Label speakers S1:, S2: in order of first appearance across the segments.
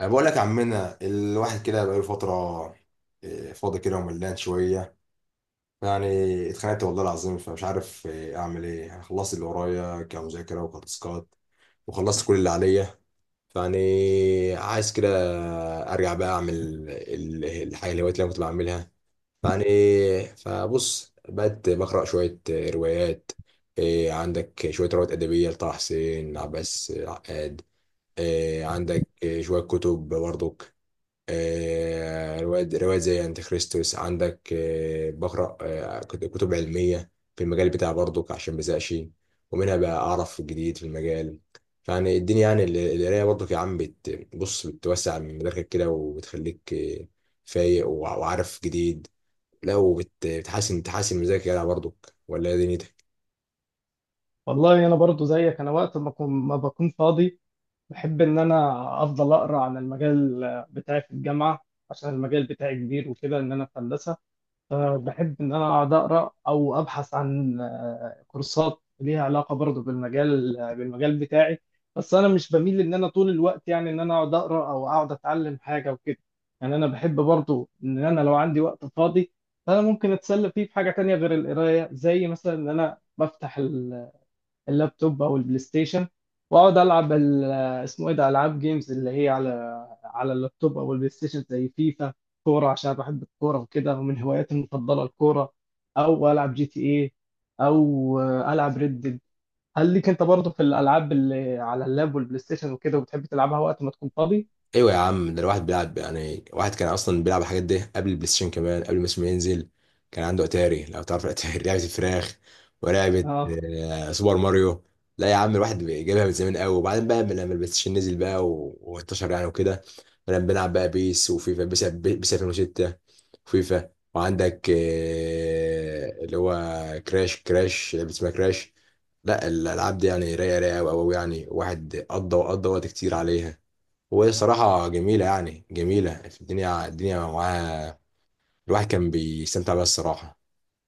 S1: أنا بقول لك عمنا الواحد كده بقاله فترة. فاضي كده وملان شوية يعني. اتخنقت والله العظيم، فمش عارف أعمل إيه يعني. خلصت اللي ورايا كمذاكرة وكتاسكات، وخلصت كل اللي عليا. فيعني عايز كده أرجع بقى أعمل الحاجة الهوايات اللي أنا كنت بعملها. فيعني، فبص بقيت بقرأ شوية روايات. عندك شوية روايات أدبية لطه حسين، عباس عقاد. عندك شوية كتب برضك. روايات روايات زي أنتي خريستوس. عندك بقرأ كتب علمية في المجال بتاعي برضو عشان مزهقش، ومنها بقى أعرف الجديد في المجال. فيعني الدنيا، يعني القراية برضو يا عم، بص بتوسع من مداركك كده، وبتخليك فايق وعارف جديد. لا، وبتحسن تحسن مزاجك كده برضو. ولا إيه دنيتك؟
S2: والله انا برضو زيك، انا وقت ما ما بكون فاضي بحب ان انا افضل اقرا عن المجال بتاعي في الجامعه، عشان المجال بتاعي كبير وكده، ان انا في هندسه. فبحب ان انا اقعد اقرا او ابحث عن كورسات ليها علاقه برضو بالمجال بتاعي. بس انا مش بميل ان انا طول الوقت يعني ان انا اقعد اقرا او اقعد اتعلم حاجه وكده. يعني انا بحب برضو ان انا لو عندي وقت فاضي، فانا ممكن اتسلى فيه في حاجه تانية غير القرايه، زي مثلا ان انا بفتح اللابتوب او البلاي ستيشن واقعد العب اسمه ايه ده، العاب جيمز اللي هي على على اللابتوب او البلاي ستيشن، زي فيفا كوره، عشان بحب الكوره وكده، ومن هواياتي المفضله الكوره، او العب جي تي ايه، او العب ريد ديد. هل ليك انت برضه في الالعاب اللي على اللاب والبلاي ستيشن وكده، وبتحب تلعبها وقت ما تكون فاضي؟
S1: ايوه يا عم، ده الواحد بيلعب يعني. واحد كان اصلا بيلعب الحاجات دي قبل البلاي ستيشن، كمان قبل ما اسمه ينزل كان عنده اتاري. لو تعرف الاتاري لعبه الفراخ، ولعبه
S2: اه.
S1: سوبر ماريو. لا يا عم، الواحد جايبها من زمان قوي. وبعدين بقى لما البلاي ستيشن نزل بقى وانتشر يعني وكده، بدأنا بنلعب بقى بيس وفيفا. بيس 2006، وفيفا. وعندك اللي هو كراش لعبه اسمها كراش. لا الالعاب دي يعني رايقه رايقه قوي قوي يعني. واحد قضى وقت كتير عليها. وهي صراحة جميلة، يعني جميلة. في الدنيا الدنيا معاها الواحد كان بيستمتع بيها الصراحة.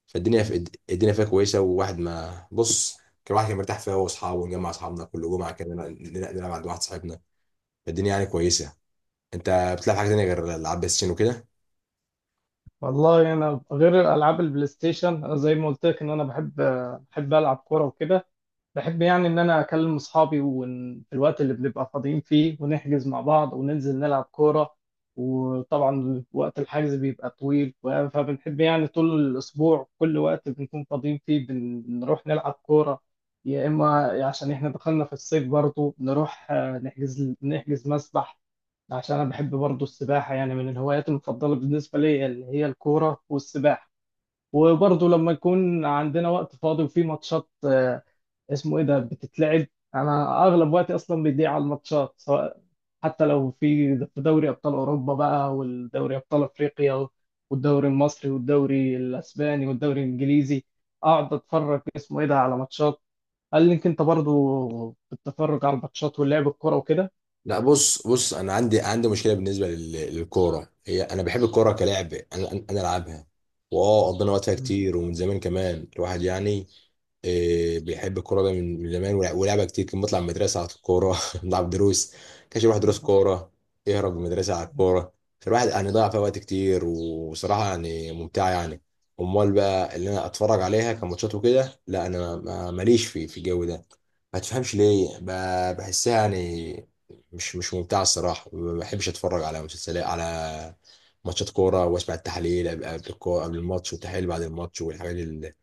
S1: فالدنيا في الدنيا فيها كويسة. وواحد، ما بص، كان الواحد كان مرتاح فيها هو وأصحابه. ونجمع أصحابنا كل جمعة كده نلعب عند واحد صاحبنا. فالدنيا يعني كويسة. أنت بتلعب حاجة تانية غير ألعاب بلاي ستيشن وكده؟
S2: والله انا غير العاب البلاي ستيشن، زي ما قلت لك ان انا بحب العب كوره وكده. بحب يعني إن أنا أكلم أصحابي، وفي الوقت اللي بنبقى فاضيين فيه ونحجز مع بعض وننزل نلعب كورة. وطبعا وقت الحجز بيبقى طويل، فبنحب يعني طول الأسبوع، كل وقت بنكون فاضيين فيه بنروح نلعب كورة. يا إما عشان إحنا دخلنا في الصيف برضه نروح نحجز مسبح، عشان أنا بحب برضه السباحة. يعني من الهوايات المفضلة بالنسبة لي اللي هي الكورة والسباحة. وبرضه لما يكون عندنا وقت فاضي وفي ماتشات اسمه ايه ده بتتلعب، انا اغلب وقتي اصلا بيضيع على الماتشات، سواء حتى لو في دوري ابطال اوروبا بقى، والدوري ابطال افريقيا، والدوري المصري، والدوري الاسباني، والدوري الانجليزي. اقعد اتفرج اسمه ايه ده على ماتشات. هل لك انت برضو بتتفرج على الماتشات ولعب الكوره وكده؟
S1: لا بص انا عندي مشكله بالنسبه للكوره. هي انا بحب الكوره كلعب، انا العبها. واه قضينا وقتها
S2: مم.
S1: كتير، ومن زمان كمان الواحد يعني إيه، بيحب الكوره ده من زمان. ولعبها كتير. كان بنطلع من المدرسه على الكوره نلعب دروس. كانش الواحد دروس كوره، يهرب من المدرسه على الكوره. فالواحد يعني ضيع فيها وقت كتير. وصراحه يعني ممتعه يعني. امال بقى اللي انا اتفرج عليها كماتشات وكده، لا انا ماليش في الجو ده. ما تفهمش ليه، بحسها يعني مش ممتعه الصراحه. ما بحبش اتفرج على مسلسلات، على ماتشات كوره، واسمع التحاليل قبل الكوره، قبل الماتش، والتحاليل بعد الماتش، والحاجات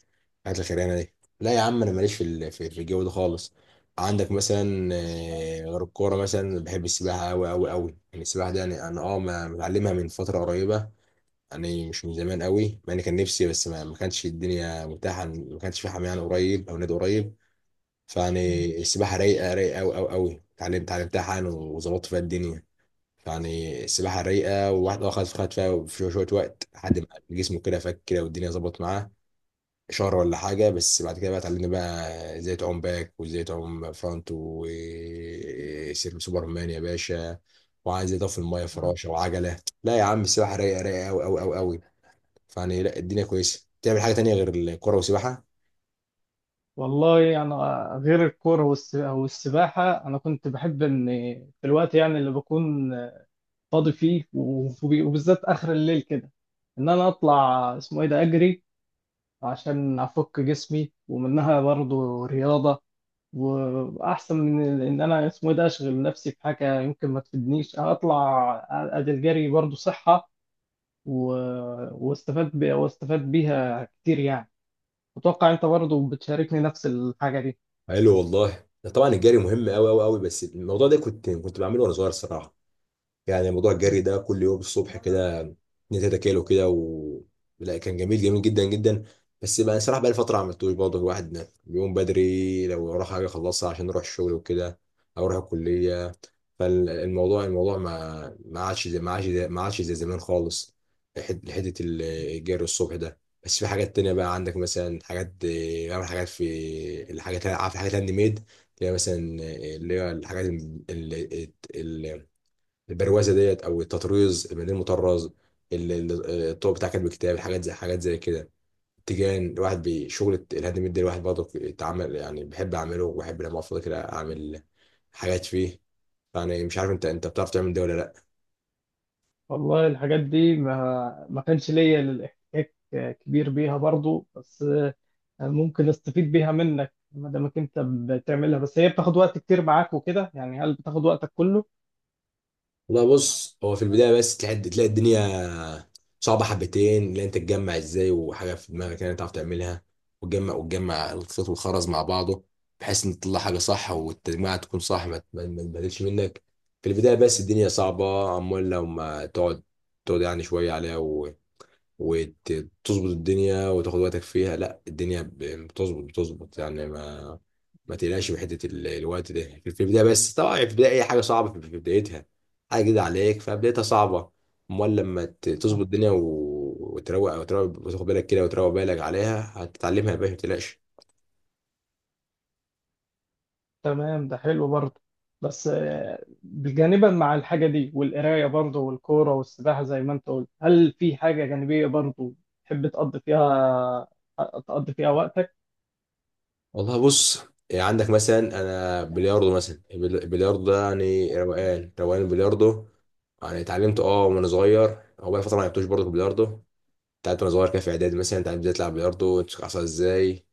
S1: الحاجات الخيرانه دي. لا يا عم، انا ماليش في الجو ده خالص. عندك مثلا غير الكوره، مثلا بحب السباحه قوي قوي قوي يعني. السباحه دي يعني انا متعلمها من فتره قريبه يعني. مش من زمان قوي، مع اني كان نفسي، بس ما كانش الدنيا متاحه. ما كانش في حمام يعني قريب، او نادي قريب. فيعني السباحه رايقه رايقه قوي قوي قوي. اتعلمتها حالا وظبطت فيها الدنيا. يعني السباحة رايقة. وواحد خد خد فيها في شوية شوية وقت، لحد ما جسمه كده فك كده، والدنيا ظبطت معاه. شهر ولا حاجة، بس بعد كده بقى اتعلمنا بقى ازاي تعوم باك، وازاي تعوم فرونت، وسوبر مان يا باشا. وعايز ازاي تقف في المية،
S2: نعم.
S1: فراشة، وعجلة. لا يا عم، السباحة رايقة رايقة أوي أوي أوي أوي. فيعني، لا الدنيا كويسة. تعمل حاجة تانية غير الكورة والسباحة؟
S2: والله انا غير الكوره والسباحه انا كنت بحب ان في الوقت يعني اللي بكون فاضي فيه وبالذات اخر الليل كده، ان انا اطلع اسمه ايه ده اجري، عشان افك جسمي، ومنها برضه رياضه، واحسن من ان انا اسمه ايه ده اشغل نفسي في حاجه يمكن ما تفيدنيش. انا اطلع ادي الجري برضه صحه، و... واستفاد بيها كتير يعني. اتوقع انت برضه بتشاركني نفس الحاجه
S1: قال له والله، ده طبعا الجري مهم أوي أوي أوي. بس الموضوع ده كنت بعمله وأنا صغير الصراحة. يعني موضوع
S2: دي.
S1: الجري ده كل يوم الصبح كده، 2 3 كيلو كده. و لا، كان جميل جميل جدا جدا. بس بقى صراحة بقى لي فترة ما عملتوش برضه. الواحد بيقوم بدري لو وراه حاجة أخلصها، عشان أروح الشغل وكده، أو أروح الكلية. فالموضوع، الموضوع ما ما عادش زي ما عادش زي ما عادش زي زمان خالص، حتة الجري الصبح ده. بس في حاجات تانية بقى. عندك مثلا حاجات، بعمل حاجات في الحاجات، عارف الحاجات الهاند ميد، اللي هي مثلا، اللي هي الحاجات البروازه ديت، او التطريز البليل المطرز، الطوب بتاع كاتب الكتاب، الحاجات زي حاجات زي كده، التيجان. الواحد بشغل الهاند ميد ده، الواحد برضه اتعمل يعني، بحب اعمله، وبحب لما افضل كده اعمل حاجات فيه. يعني مش عارف، انت بتعرف تعمل ده ولا لا؟
S2: والله الحاجات دي ما كانش ليا الاحتكاك كبير بيها برضو، بس ممكن استفيد بيها منك ما دامك انت بتعملها. بس هي بتاخد وقت كتير معاك وكده يعني، هل بتاخد وقتك كله؟
S1: والله بص، هو في البدايه بس تلاقي الدنيا صعبه حبتين. اللي انت تتجمع ازاي، وحاجه في دماغك يعني تعرف تعملها، وتجمع الخيط والخرز مع بعضه، بحيث ان تطلع حاجه صح، والتجميعه تكون صح، ما تبهدلش منك. في البدايه بس الدنيا صعبه. امال لو ما تقعد يعني شويه عليها، وتظبط الدنيا، وتاخد وقتك فيها، لا الدنيا يعني بتظبط يعني. ما تقلقش من حته الوقت ده في في البدايه. بس طبعا في البدايه اي حاجه صعبه في في بدايتها. حاجه جديده عليك، فبدايتها صعبه. امال لما تظبط
S2: آه،
S1: الدنيا، وتروق، وتاخد بالك كده، وتروق بالك عليها، هتتعلمها يا باشا، ما تقلقش.
S2: تمام، ده حلو برضه. بس جانبا مع الحاجة دي والقراية برضه والكورة والسباحة زي ما انت قلت، هل في حاجة جانبية برضه تحب تقضي فيها وقتك؟
S1: والله بص، يعني عندك مثلا انا بلياردو مثلا. البلياردو ده يعني روقان روقان البلياردو. يعني اتعلمت وانا صغير، هو بقى فتره ما لعبتوش برضه في البلياردو بتاعت وانا صغير كده. في اعدادي مثلا اتعلمت ازاي تلعب بلياردو، تمسك عصا ازاي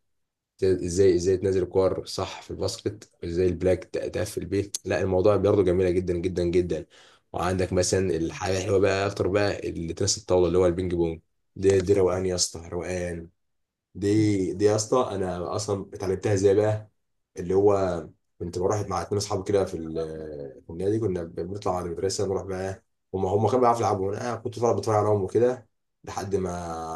S1: ازاي ازاي تنزل كور صح في الباسكت، ازاي البلاك تقفل بيه. لا الموضوع بلياردو جميله جدا جدا جدا. وعندك مثلا الحاجه الحلوه بقى اكتر بقى اللي تنس الطاوله، اللي هو البينج بونج. دي دي روقان يا اسطى، روقان. دي دي يا اسطى، انا اصلا اتعلمتها ازاي بقى؟ اللي هو كنت بروح مع اتنين اصحابي كده في النادي. كنا بنطلع على المدرسه نروح بقى، هم كانوا بيعرفوا يلعبوا، انا كنت طالع بتفرج عليهم وكده لحد ما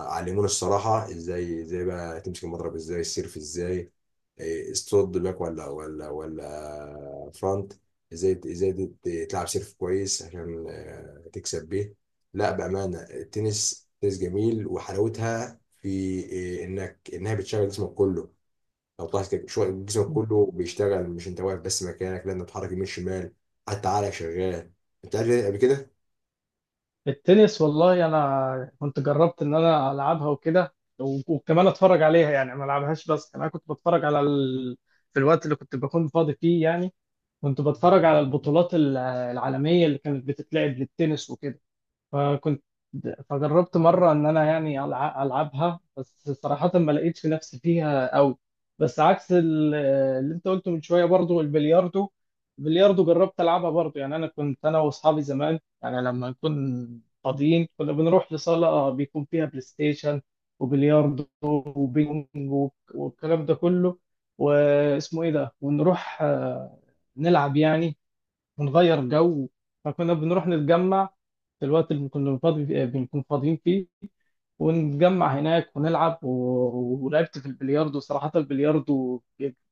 S1: علمونا الصراحه ازاي، ازاي بقى تمسك المضرب، ازاي السيرف، ازاي إيه، الصد باك ولا فرونت، ازاي تلعب سيرف كويس عشان تكسب بيه. لا بامانه التنس، تنس جميل، وحلاوتها في إيه، انها بتشغل جسمك كله. لو طلعت، جسمك كله بيشتغل، مش انت واقف بس مكانك، لان بتحرك يمين شمال، حتى عقلك شغال. انت قال لي قبل كده؟
S2: التنس، والله انا كنت جربت ان انا العبها وكده، وكمان اتفرج عليها، يعني ما العبهاش، بس انا كنت بتفرج على في الوقت اللي كنت بكون فاضي فيه يعني، كنت بتفرج على البطولات العالمية اللي كانت بتتلعب للتنس وكده. فكنت فجربت مرة إن أنا يعني ألعبها، بس صراحة ما لقيتش في نفسي فيها أوي. بس عكس اللي أنت قلته من شوية برضو، البلياردو، البلياردو جربت ألعبها برضو. يعني أنا كنت أنا وأصحابي زمان، يعني لما نكون فاضيين كنا بنروح لصالة بيكون فيها بلاي ستيشن وبلياردو وبينج والكلام ده كله، واسمه إيه ده ونروح نلعب يعني ونغير جو. فكنا بنروح نتجمع في الوقت اللي كنا فاضي فيه، بنكون فاضيين فيه، ونتجمع هناك ونلعب، ولعبت في البلياردو، صراحة البلياردو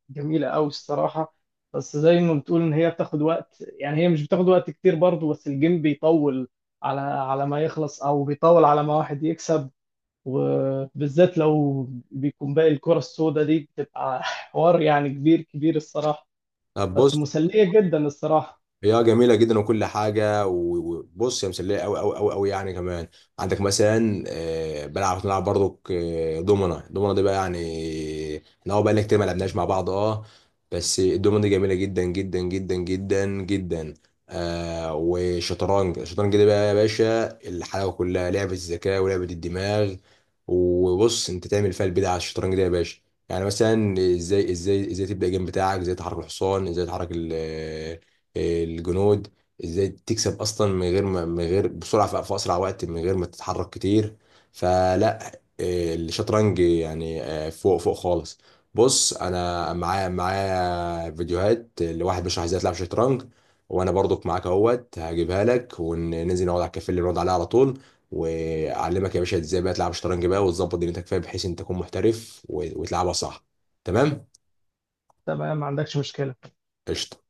S2: جميلة أوي الصراحة. بس زي ما بتقول إن هي بتاخد وقت، يعني هي مش بتاخد وقت كتير برضه، بس الجيم بيطول على على ما يخلص، أو بيطول على ما واحد يكسب. وبالذات لو بيكون باقي الكرة السوداء دي بتبقى حوار يعني كبير كبير الصراحة.
S1: طب
S2: بس
S1: بص،
S2: مسلية جدا الصراحة.
S1: هي جميلة جدا وكل حاجة. وبص، هي مسلية أوي أوي أوي أوي يعني. كمان عندك مثلا بنلعب برضو دومنا دي بقى يعني، احنا هو بقى لنا كتير ما لعبناش مع بعض بس الدومنا دي جميلة جدا جدا جدا جدا جدا. والشطرنج، الشطرنج دي بقى يا باشا الحلاوة كلها. لعبة الذكاء، ولعبة الدماغ. وبص انت تعمل فيها البدع على الشطرنج ده يا باشا. يعني مثلا ازاي، ازاي تبدأ الجيم بتاعك، ازاي تحرك الحصان، ازاي تحرك الجنود، ازاي تكسب اصلا من غير ما، من غير بسرعه، في اسرع وقت من غير ما تتحرك كتير. فلا إيه، الشطرنج يعني فوق فوق خالص. بص انا، معايا فيديوهات لواحد بيشرح ازاي تلعب شطرنج، وانا برضك معاك اهوت. هجيبها لك وننزل نقعد على الكافيه اللي بنقعد عليه على طول، واعلمك يا باشا ازاي بقى تلعب شطرنج بقى، وتظبط دنيتك فيها، بحيث انت تكون محترف وتلعبها صح. تمام؟
S2: تمام، ما عندكش مشكلة.
S1: قشطة.